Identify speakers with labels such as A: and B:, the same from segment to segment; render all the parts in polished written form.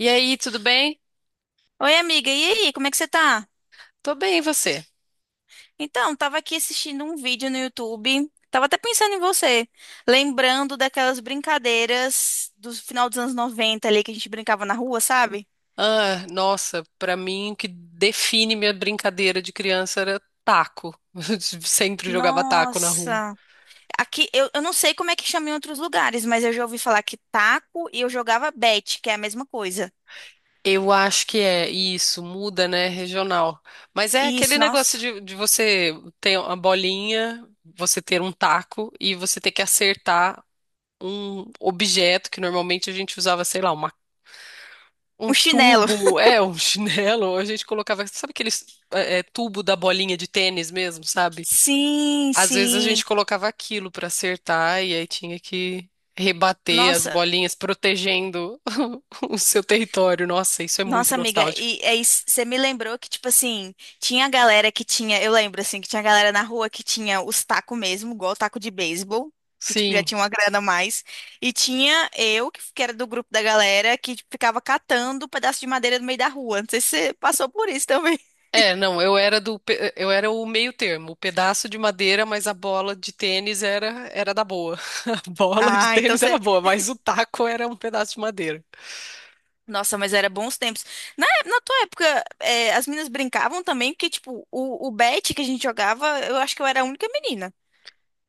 A: E aí, tudo bem?
B: Oi, amiga, e aí, como é que você tá?
A: Tô bem, e você?
B: Então, tava aqui assistindo um vídeo no YouTube, tava até pensando em você, lembrando daquelas brincadeiras do final dos anos 90 ali que a gente brincava na rua, sabe?
A: Ah, nossa, pra mim o que define minha brincadeira de criança era taco. Eu sempre jogava taco na rua.
B: Nossa, aqui eu não sei como é que chama em outros lugares, mas eu já ouvi falar que taco e eu jogava bete, que é a mesma coisa.
A: Eu acho que é isso, muda, né, regional. Mas é
B: Isso,
A: aquele negócio
B: nossa,
A: de você ter uma bolinha, você ter um taco e você ter que acertar um objeto que normalmente a gente usava, sei lá, uma, um
B: um chinelo.
A: tubo, é, um chinelo, a gente colocava, sabe aquele tubo da bolinha de tênis mesmo, sabe?
B: Sim,
A: Às vezes a
B: sim.
A: gente colocava aquilo para acertar e aí tinha que rebater as
B: Nossa.
A: bolinhas protegendo o seu território. Nossa, isso é muito
B: Nossa, amiga,
A: nostálgico.
B: e aí você me lembrou que, tipo assim, tinha galera que tinha, eu lembro, assim, que tinha galera na rua que tinha os tacos mesmo, igual taco de beisebol, que, tipo, já
A: Sim.
B: tinha uma grana a mais, e tinha eu, que era do grupo da galera, que tipo, ficava catando pedaço de madeira no meio da rua, não sei se você passou por isso também.
A: É, não, eu era o meio termo, o pedaço de madeira, mas a bola de tênis era era da boa. A bola de
B: Ah, então
A: tênis era
B: você...
A: boa, mas o taco era um pedaço de madeira.
B: Nossa, mas era bons tempos. Na tua época, é, as meninas brincavam também, porque, tipo, o bet que a gente jogava, eu acho que eu era a única menina.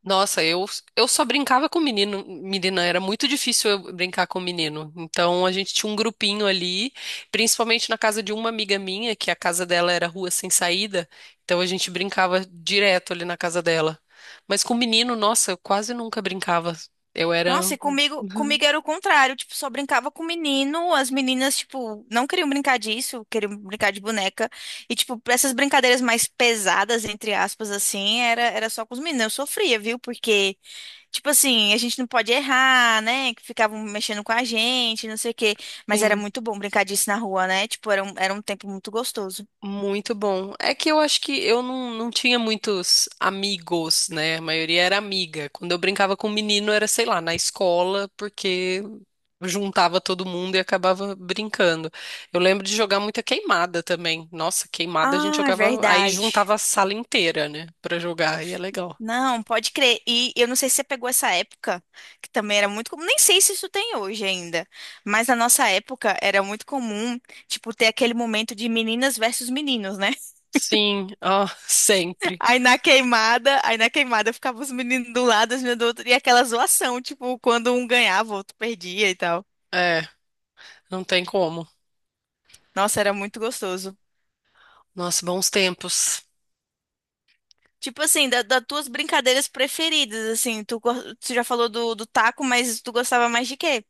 A: Nossa, eu só brincava com menino, menina, era muito difícil eu brincar com menino. Então a gente tinha um grupinho ali, principalmente na casa de uma amiga minha, que a casa dela era rua sem saída, então a gente brincava direto ali na casa dela. Mas com menino, nossa, eu quase nunca brincava. Eu era.
B: Nossa, e comigo era o contrário, tipo, só brincava com menino, as meninas, tipo, não queriam brincar disso, queriam brincar de boneca, e, tipo, pra essas brincadeiras mais pesadas, entre aspas, assim, era só com os meninos, eu sofria, viu, porque, tipo assim, a gente não pode errar, né, que ficavam mexendo com a gente, não sei o quê, mas era
A: Sim.
B: muito bom brincar disso na rua, né, tipo, era um tempo muito gostoso.
A: Muito bom. É que eu acho que eu não, não tinha muitos amigos, né? A maioria era amiga. Quando eu brincava com um menino era, sei lá, na escola, porque juntava todo mundo e acabava brincando. Eu lembro de jogar muita queimada também. Nossa, queimada a gente
B: Ah, é
A: jogava, aí
B: verdade.
A: juntava a sala inteira, né, pra jogar, e é legal.
B: Não, pode crer. E eu não sei se você pegou essa época, que também era muito comum. Nem sei se isso tem hoje ainda, mas na nossa época era muito comum, tipo, ter aquele momento de meninas versus meninos, né?
A: Sim, ó, sempre.
B: Aí na queimada ficava os meninos do lado, as meninas do outro, e aquela zoação, tipo, quando um ganhava, o outro perdia e tal.
A: É, não tem como.
B: Nossa, era muito gostoso.
A: Nossa, bons tempos.
B: Tipo assim, da- das tuas brincadeiras preferidas, assim, tu, go- tu já falou do, do taco, mas tu gostava mais de quê?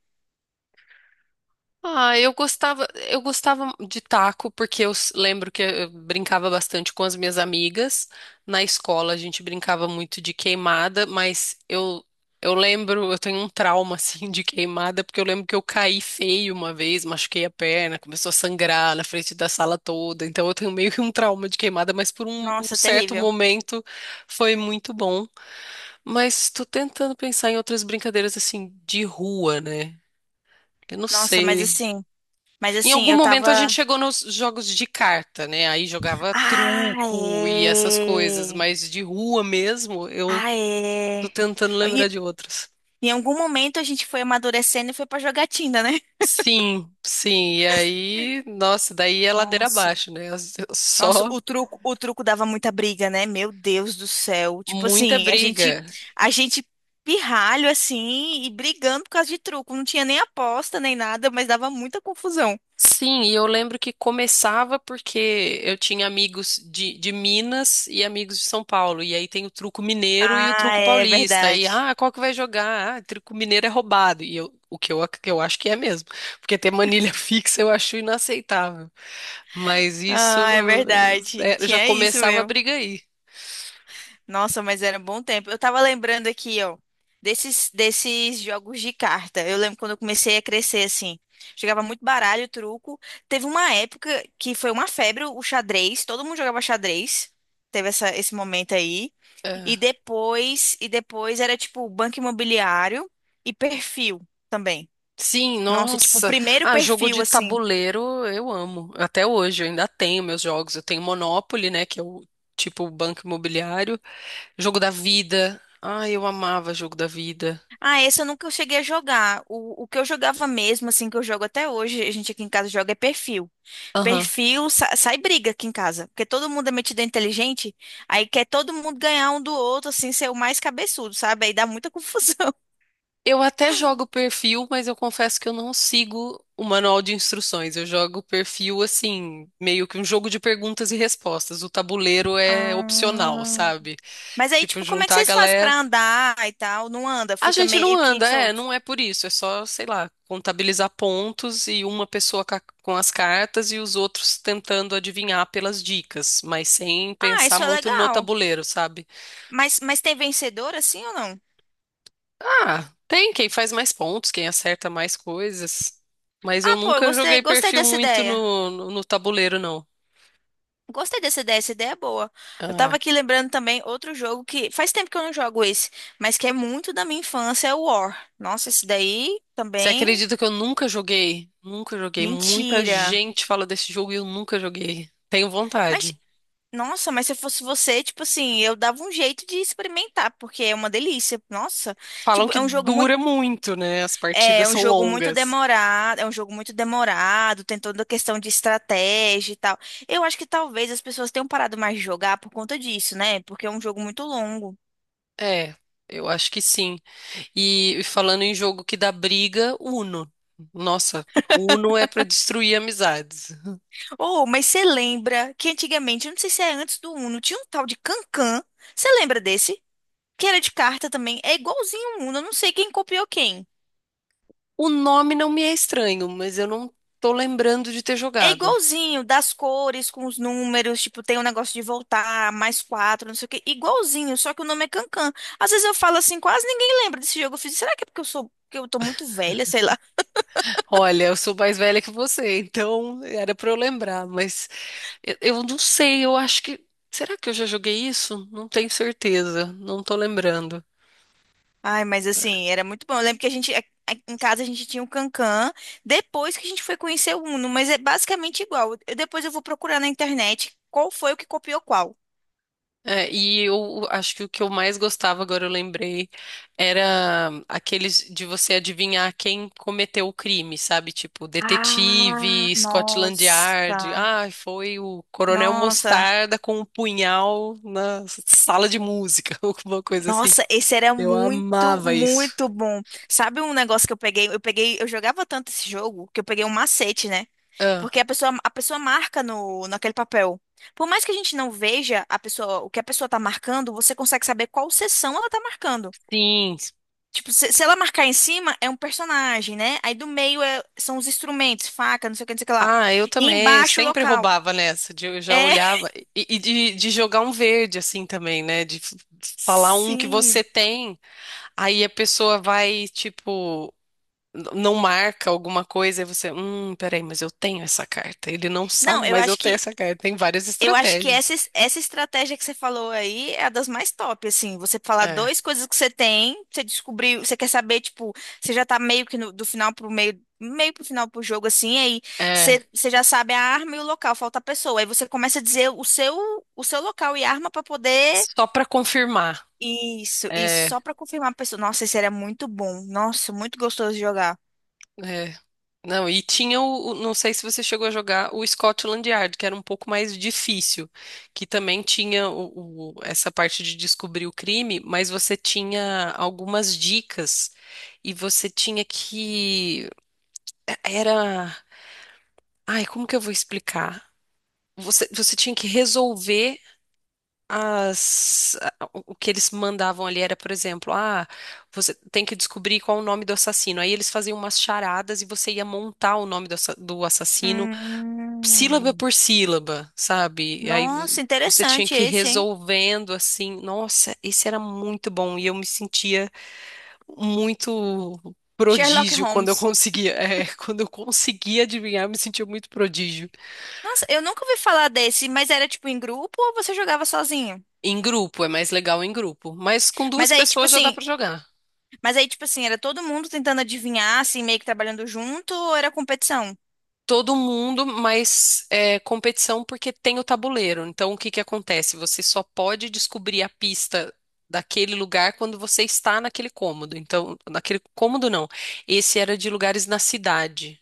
A: Ah, eu gostava de taco porque lembro que eu brincava bastante com as minhas amigas. Na escola a gente brincava muito de queimada, mas eu lembro, eu tenho um trauma assim de queimada porque eu lembro que eu caí feio uma vez, machuquei a perna, começou a sangrar na frente da sala toda. Então eu tenho meio que um trauma de queimada, mas por um
B: Nossa,
A: certo
B: terrível.
A: momento foi muito bom. Mas estou tentando pensar em outras brincadeiras assim de rua, né? Eu não
B: Nossa, mas
A: sei.
B: assim, mas
A: Em
B: assim,
A: algum
B: eu tava.
A: momento a gente chegou nos jogos de carta, né? Aí jogava
B: Ah,
A: truco e essas coisas,
B: é.
A: mas de rua mesmo, eu
B: Ah,
A: tô
B: é.
A: tentando lembrar
B: Em,
A: de outros.
B: em algum momento a gente foi amadurecendo e foi pra jogatina, né?
A: Sim, sim. E aí, nossa, daí é ladeira
B: Nossa.
A: abaixo, né?
B: Nossa,
A: Só
B: o truco dava muita briga, né? Meu Deus do céu. Tipo
A: muita
B: assim, a gente,
A: briga.
B: a gente pirralho assim e brigando por causa de truco. Não tinha nem aposta nem nada, mas dava muita confusão.
A: Sim, e eu lembro que começava porque eu tinha amigos de Minas e amigos de São Paulo. E aí tem o truco mineiro e o
B: Ah,
A: truco
B: é
A: paulista. E
B: verdade.
A: ah, qual que vai jogar? Ah, truco mineiro é roubado. E eu, o que eu, ac- que eu acho que é mesmo. Porque ter manilha fixa eu acho inaceitável. Mas isso
B: Ah, é verdade.
A: é, já
B: Tinha isso
A: começava a
B: mesmo.
A: briga aí.
B: Nossa, mas era um bom tempo. Eu tava lembrando aqui, ó, desses jogos de carta. Eu lembro quando eu comecei a crescer, assim. Jogava muito baralho, truco. Teve uma época que foi uma febre o xadrez. Todo mundo jogava xadrez. Teve essa, esse momento aí. E
A: É.
B: depois, e depois era tipo banco imobiliário e perfil também.
A: Sim,
B: Nossa, tipo, o
A: nossa.
B: primeiro
A: Ah, jogo
B: perfil,
A: de
B: assim.
A: tabuleiro eu amo. Até hoje, eu ainda tenho meus jogos. Eu tenho Monopoly, né? Que é o tipo banco imobiliário. Jogo da vida. Ah, eu amava jogo da vida.
B: Ah, esse eu nunca cheguei a jogar. O que eu jogava mesmo, assim, que eu jogo até hoje, a gente aqui em casa joga é perfil.
A: Aham.
B: Perfil, sa- sai briga aqui em casa, porque todo mundo é metido inteligente, aí quer todo mundo ganhar um do outro, assim, ser o mais cabeçudo, sabe? Aí dá muita confusão.
A: Eu até jogo perfil, mas eu confesso que eu não sigo o manual de instruções. Eu jogo perfil assim, meio que um jogo de perguntas e respostas. O tabuleiro é opcional,
B: Ah.
A: sabe?
B: Mas aí,
A: Tipo,
B: tipo, como é que
A: juntar a
B: vocês fazem
A: galera.
B: pra andar e tal? Não anda,
A: A
B: fica
A: gente não
B: meio que
A: anda, é,
B: solto.
A: não é por isso, é só, sei lá, contabilizar pontos e uma pessoa com as cartas e os outros tentando adivinhar pelas dicas, mas sem
B: Ah,
A: pensar
B: isso é
A: muito no
B: legal.
A: tabuleiro, sabe?
B: Mas tem vencedor assim ou não?
A: Ah, tem quem faz mais pontos, quem acerta mais coisas, mas
B: Ah,
A: eu
B: pô, eu
A: nunca
B: gostei,
A: joguei
B: gostei
A: perfil
B: dessa
A: muito
B: ideia.
A: no tabuleiro, não.
B: Gostei dessa ideia, essa ideia é boa. Eu
A: Ah,
B: tava
A: é.
B: aqui lembrando também outro jogo que faz tempo que eu não jogo esse, mas que é muito da minha infância, é o War. Nossa, esse daí
A: Você
B: também.
A: acredita que eu nunca joguei? Nunca joguei. Muita
B: Mentira.
A: gente fala desse jogo e eu nunca joguei. Tenho
B: Mas,
A: vontade.
B: nossa, mas se eu fosse você, tipo assim, eu dava um jeito de experimentar, porque é uma delícia. Nossa,
A: Falam
B: tipo,
A: que
B: é um jogo muito,
A: dura muito, né? As partidas
B: é um
A: são
B: jogo muito
A: longas.
B: demorado, é um jogo muito demorado, tem toda a questão de estratégia e tal. Eu acho que talvez as pessoas tenham parado mais de jogar por conta disso, né? Porque é um jogo muito longo.
A: É, eu acho que sim. E falando em jogo que dá briga, Uno. Nossa, Uno é pra destruir amizades.
B: Oh, mas você lembra que antigamente, eu não sei se é antes do Uno, tinha um tal de Cancan. Você lembra desse? Que era de carta também. É igualzinho o Uno, eu não sei quem copiou quem.
A: O nome não me é estranho, mas eu não tô lembrando de ter
B: É
A: jogado.
B: igualzinho, das cores, com os números, tipo, tem um negócio de voltar, mais quatro, não sei o quê. Igualzinho, só que o nome é Cancan. Às vezes eu falo assim, quase ninguém lembra desse jogo. Eu fiz, será que é porque eu sou, que eu tô muito velha, sei lá.
A: Olha, eu sou mais velha que você, então era pra eu lembrar, mas eu não sei, eu acho que. Será que eu já joguei isso? Não tenho certeza, não tô lembrando.
B: Ai, mas assim, era muito bom. Eu lembro que a gente, a- em casa a gente tinha o Cancan, depois que a gente foi conhecer o Uno, mas é basicamente igual. Eu- depois eu vou procurar na internet qual foi o que copiou qual.
A: É, e eu acho que o que eu mais gostava, agora eu lembrei, era aqueles de você adivinhar quem cometeu o crime, sabe? Tipo,
B: Ah,
A: detetive, Scotland Yard.
B: nossa,
A: Ah, foi o Coronel
B: nossa.
A: Mostarda com um punhal na sala de música, alguma coisa assim.
B: Nossa, esse era
A: Eu
B: muito,
A: amava isso.
B: muito bom. Sabe um negócio que eu peguei? Eu peguei, eu jogava tanto esse jogo que eu peguei um macete, né? Porque
A: Ah,
B: a pessoa marca no, naquele papel. Por mais que a gente não veja a pessoa, o que a pessoa tá marcando, você consegue saber qual seção ela tá marcando.
A: sim.
B: Tipo, se ela marcar em cima, é um personagem, né? Aí do meio é- são os instrumentos, faca, não sei o que, não sei o que lá.
A: Ah, eu
B: E
A: também.
B: embaixo, o
A: Sempre
B: local.
A: roubava nessa. Eu já
B: É,
A: olhava. E, de jogar um verde, assim também, né? Falar um que você
B: sim.
A: tem. Aí a pessoa vai, tipo, não marca alguma coisa e você, peraí, mas eu tenho essa carta. Ele não
B: Não,
A: sabe,
B: eu
A: mas eu
B: acho
A: tenho
B: que
A: essa carta. Tem várias
B: Eu acho que
A: estratégias.
B: essa, es- essa estratégia que você falou aí é a das mais top, assim. Você falar
A: É,
B: duas coisas que você tem, você descobriu, você quer saber, tipo, você já tá meio que no- do final pro meio, meio pro final pro jogo, assim, aí
A: é.
B: você já sabe a arma e o local, falta a pessoa. Aí você começa a dizer o seu local e arma pra poder.
A: Só pra confirmar.
B: Isso,
A: É,
B: só pra confirmar a pessoa. Nossa, esse era muito bom. Nossa, muito gostoso de jogar.
A: é. Não, e tinha não sei se você chegou a jogar o Scotland Yard, que era um pouco mais difícil, que também tinha essa parte de descobrir o crime, mas você tinha algumas dicas e você tinha que era. Ai, como que eu vou explicar? Você tinha que resolver o que eles mandavam ali era, por exemplo, ah, você tem que descobrir qual é o nome do assassino. Aí eles faziam umas charadas e você ia montar o nome do, do assassino sílaba
B: Hum,
A: por sílaba, sabe? E aí
B: nossa,
A: você tinha
B: interessante
A: que ir
B: esse, hein?
A: resolvendo assim. Nossa, esse era muito bom e eu me sentia muito
B: Sherlock
A: prodígio quando eu
B: Holmes.
A: conseguia, é, quando eu conseguia adivinhar, eu me sentia muito prodígio.
B: Nossa, eu nunca ouvi falar desse, mas era tipo em grupo ou você jogava sozinho?
A: Em grupo, é mais legal em grupo. Mas com duas
B: Mas aí, tipo
A: pessoas já dá
B: assim,
A: pra jogar.
B: mas aí, tipo assim, era todo mundo tentando adivinhar, assim, meio que trabalhando junto, ou era competição?
A: Todo mundo, mas é, competição porque tem o tabuleiro. Então, o que que acontece? Você só pode descobrir a pista daquele lugar quando você está naquele cômodo. Então, naquele cômodo não. Esse era de lugares na cidade.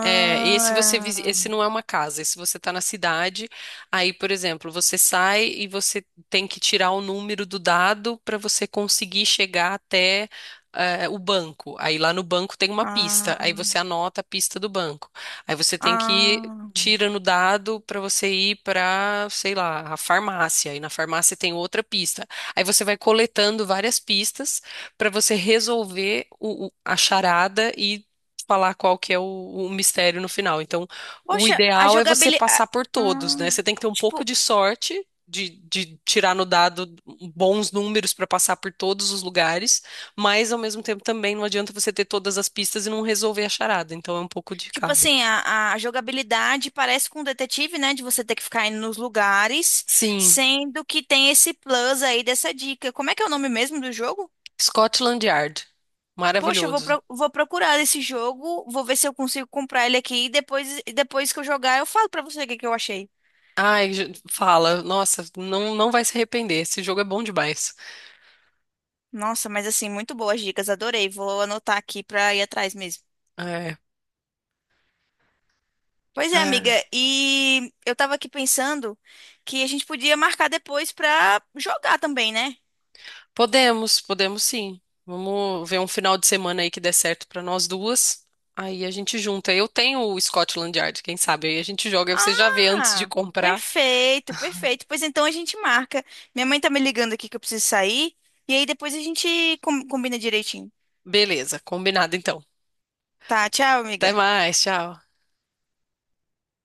A: É, esse não é uma casa, esse você está na cidade, aí, por exemplo, você sai e você tem que tirar o número do dado para você conseguir chegar até eh, o banco. Aí lá no banco tem uma pista,
B: ah,
A: aí você anota a pista do banco. Aí você tem que ir
B: ah.
A: tira no dado para você ir para, sei lá, a farmácia, e na farmácia tem outra pista. Aí você vai coletando várias pistas para você resolver a charada falar qual que é o mistério no final. Então, o
B: Poxa, a
A: ideal é você passar
B: jogabilidade.
A: por todos, né? Você tem que ter um pouco
B: tipo,
A: de sorte de tirar no dado bons números para passar por todos os lugares, mas ao mesmo tempo também não adianta você ter todas as pistas e não resolver a charada. Então, é um pouco de
B: tipo
A: cada.
B: assim, a jogabilidade parece com o detetive, né? De você ter que ficar indo nos lugares,
A: Sim,
B: sendo que tem esse plus aí dessa dica. Como é que é o nome mesmo do jogo?
A: Scotland Yard.
B: Poxa, eu vou,
A: Maravilhoso.
B: pro- vou procurar esse jogo, vou ver se eu consigo comprar ele aqui e depois que eu jogar eu falo pra você o que que eu achei.
A: Ai, fala. Nossa, não vai se arrepender. Esse jogo é bom demais.
B: Nossa, mas assim, muito boas dicas, adorei. Vou anotar aqui pra ir atrás mesmo.
A: É.
B: Pois é, amiga,
A: É.
B: e eu tava aqui pensando que a gente podia marcar depois pra jogar também, né?
A: Podemos, podemos sim. Vamos ver um final de semana aí que dê certo pra nós duas. Aí a gente junta. Eu tenho o Scotland Yard, quem sabe? Aí a gente joga, aí você já vê antes de
B: Ah,
A: comprar.
B: perfeito, perfeito. Pois então a gente marca. Minha mãe tá me ligando aqui que eu preciso sair e aí depois a gente com- combina direitinho.
A: Beleza, combinado então.
B: Tá, tchau,
A: Até
B: amiga.
A: mais, tchau.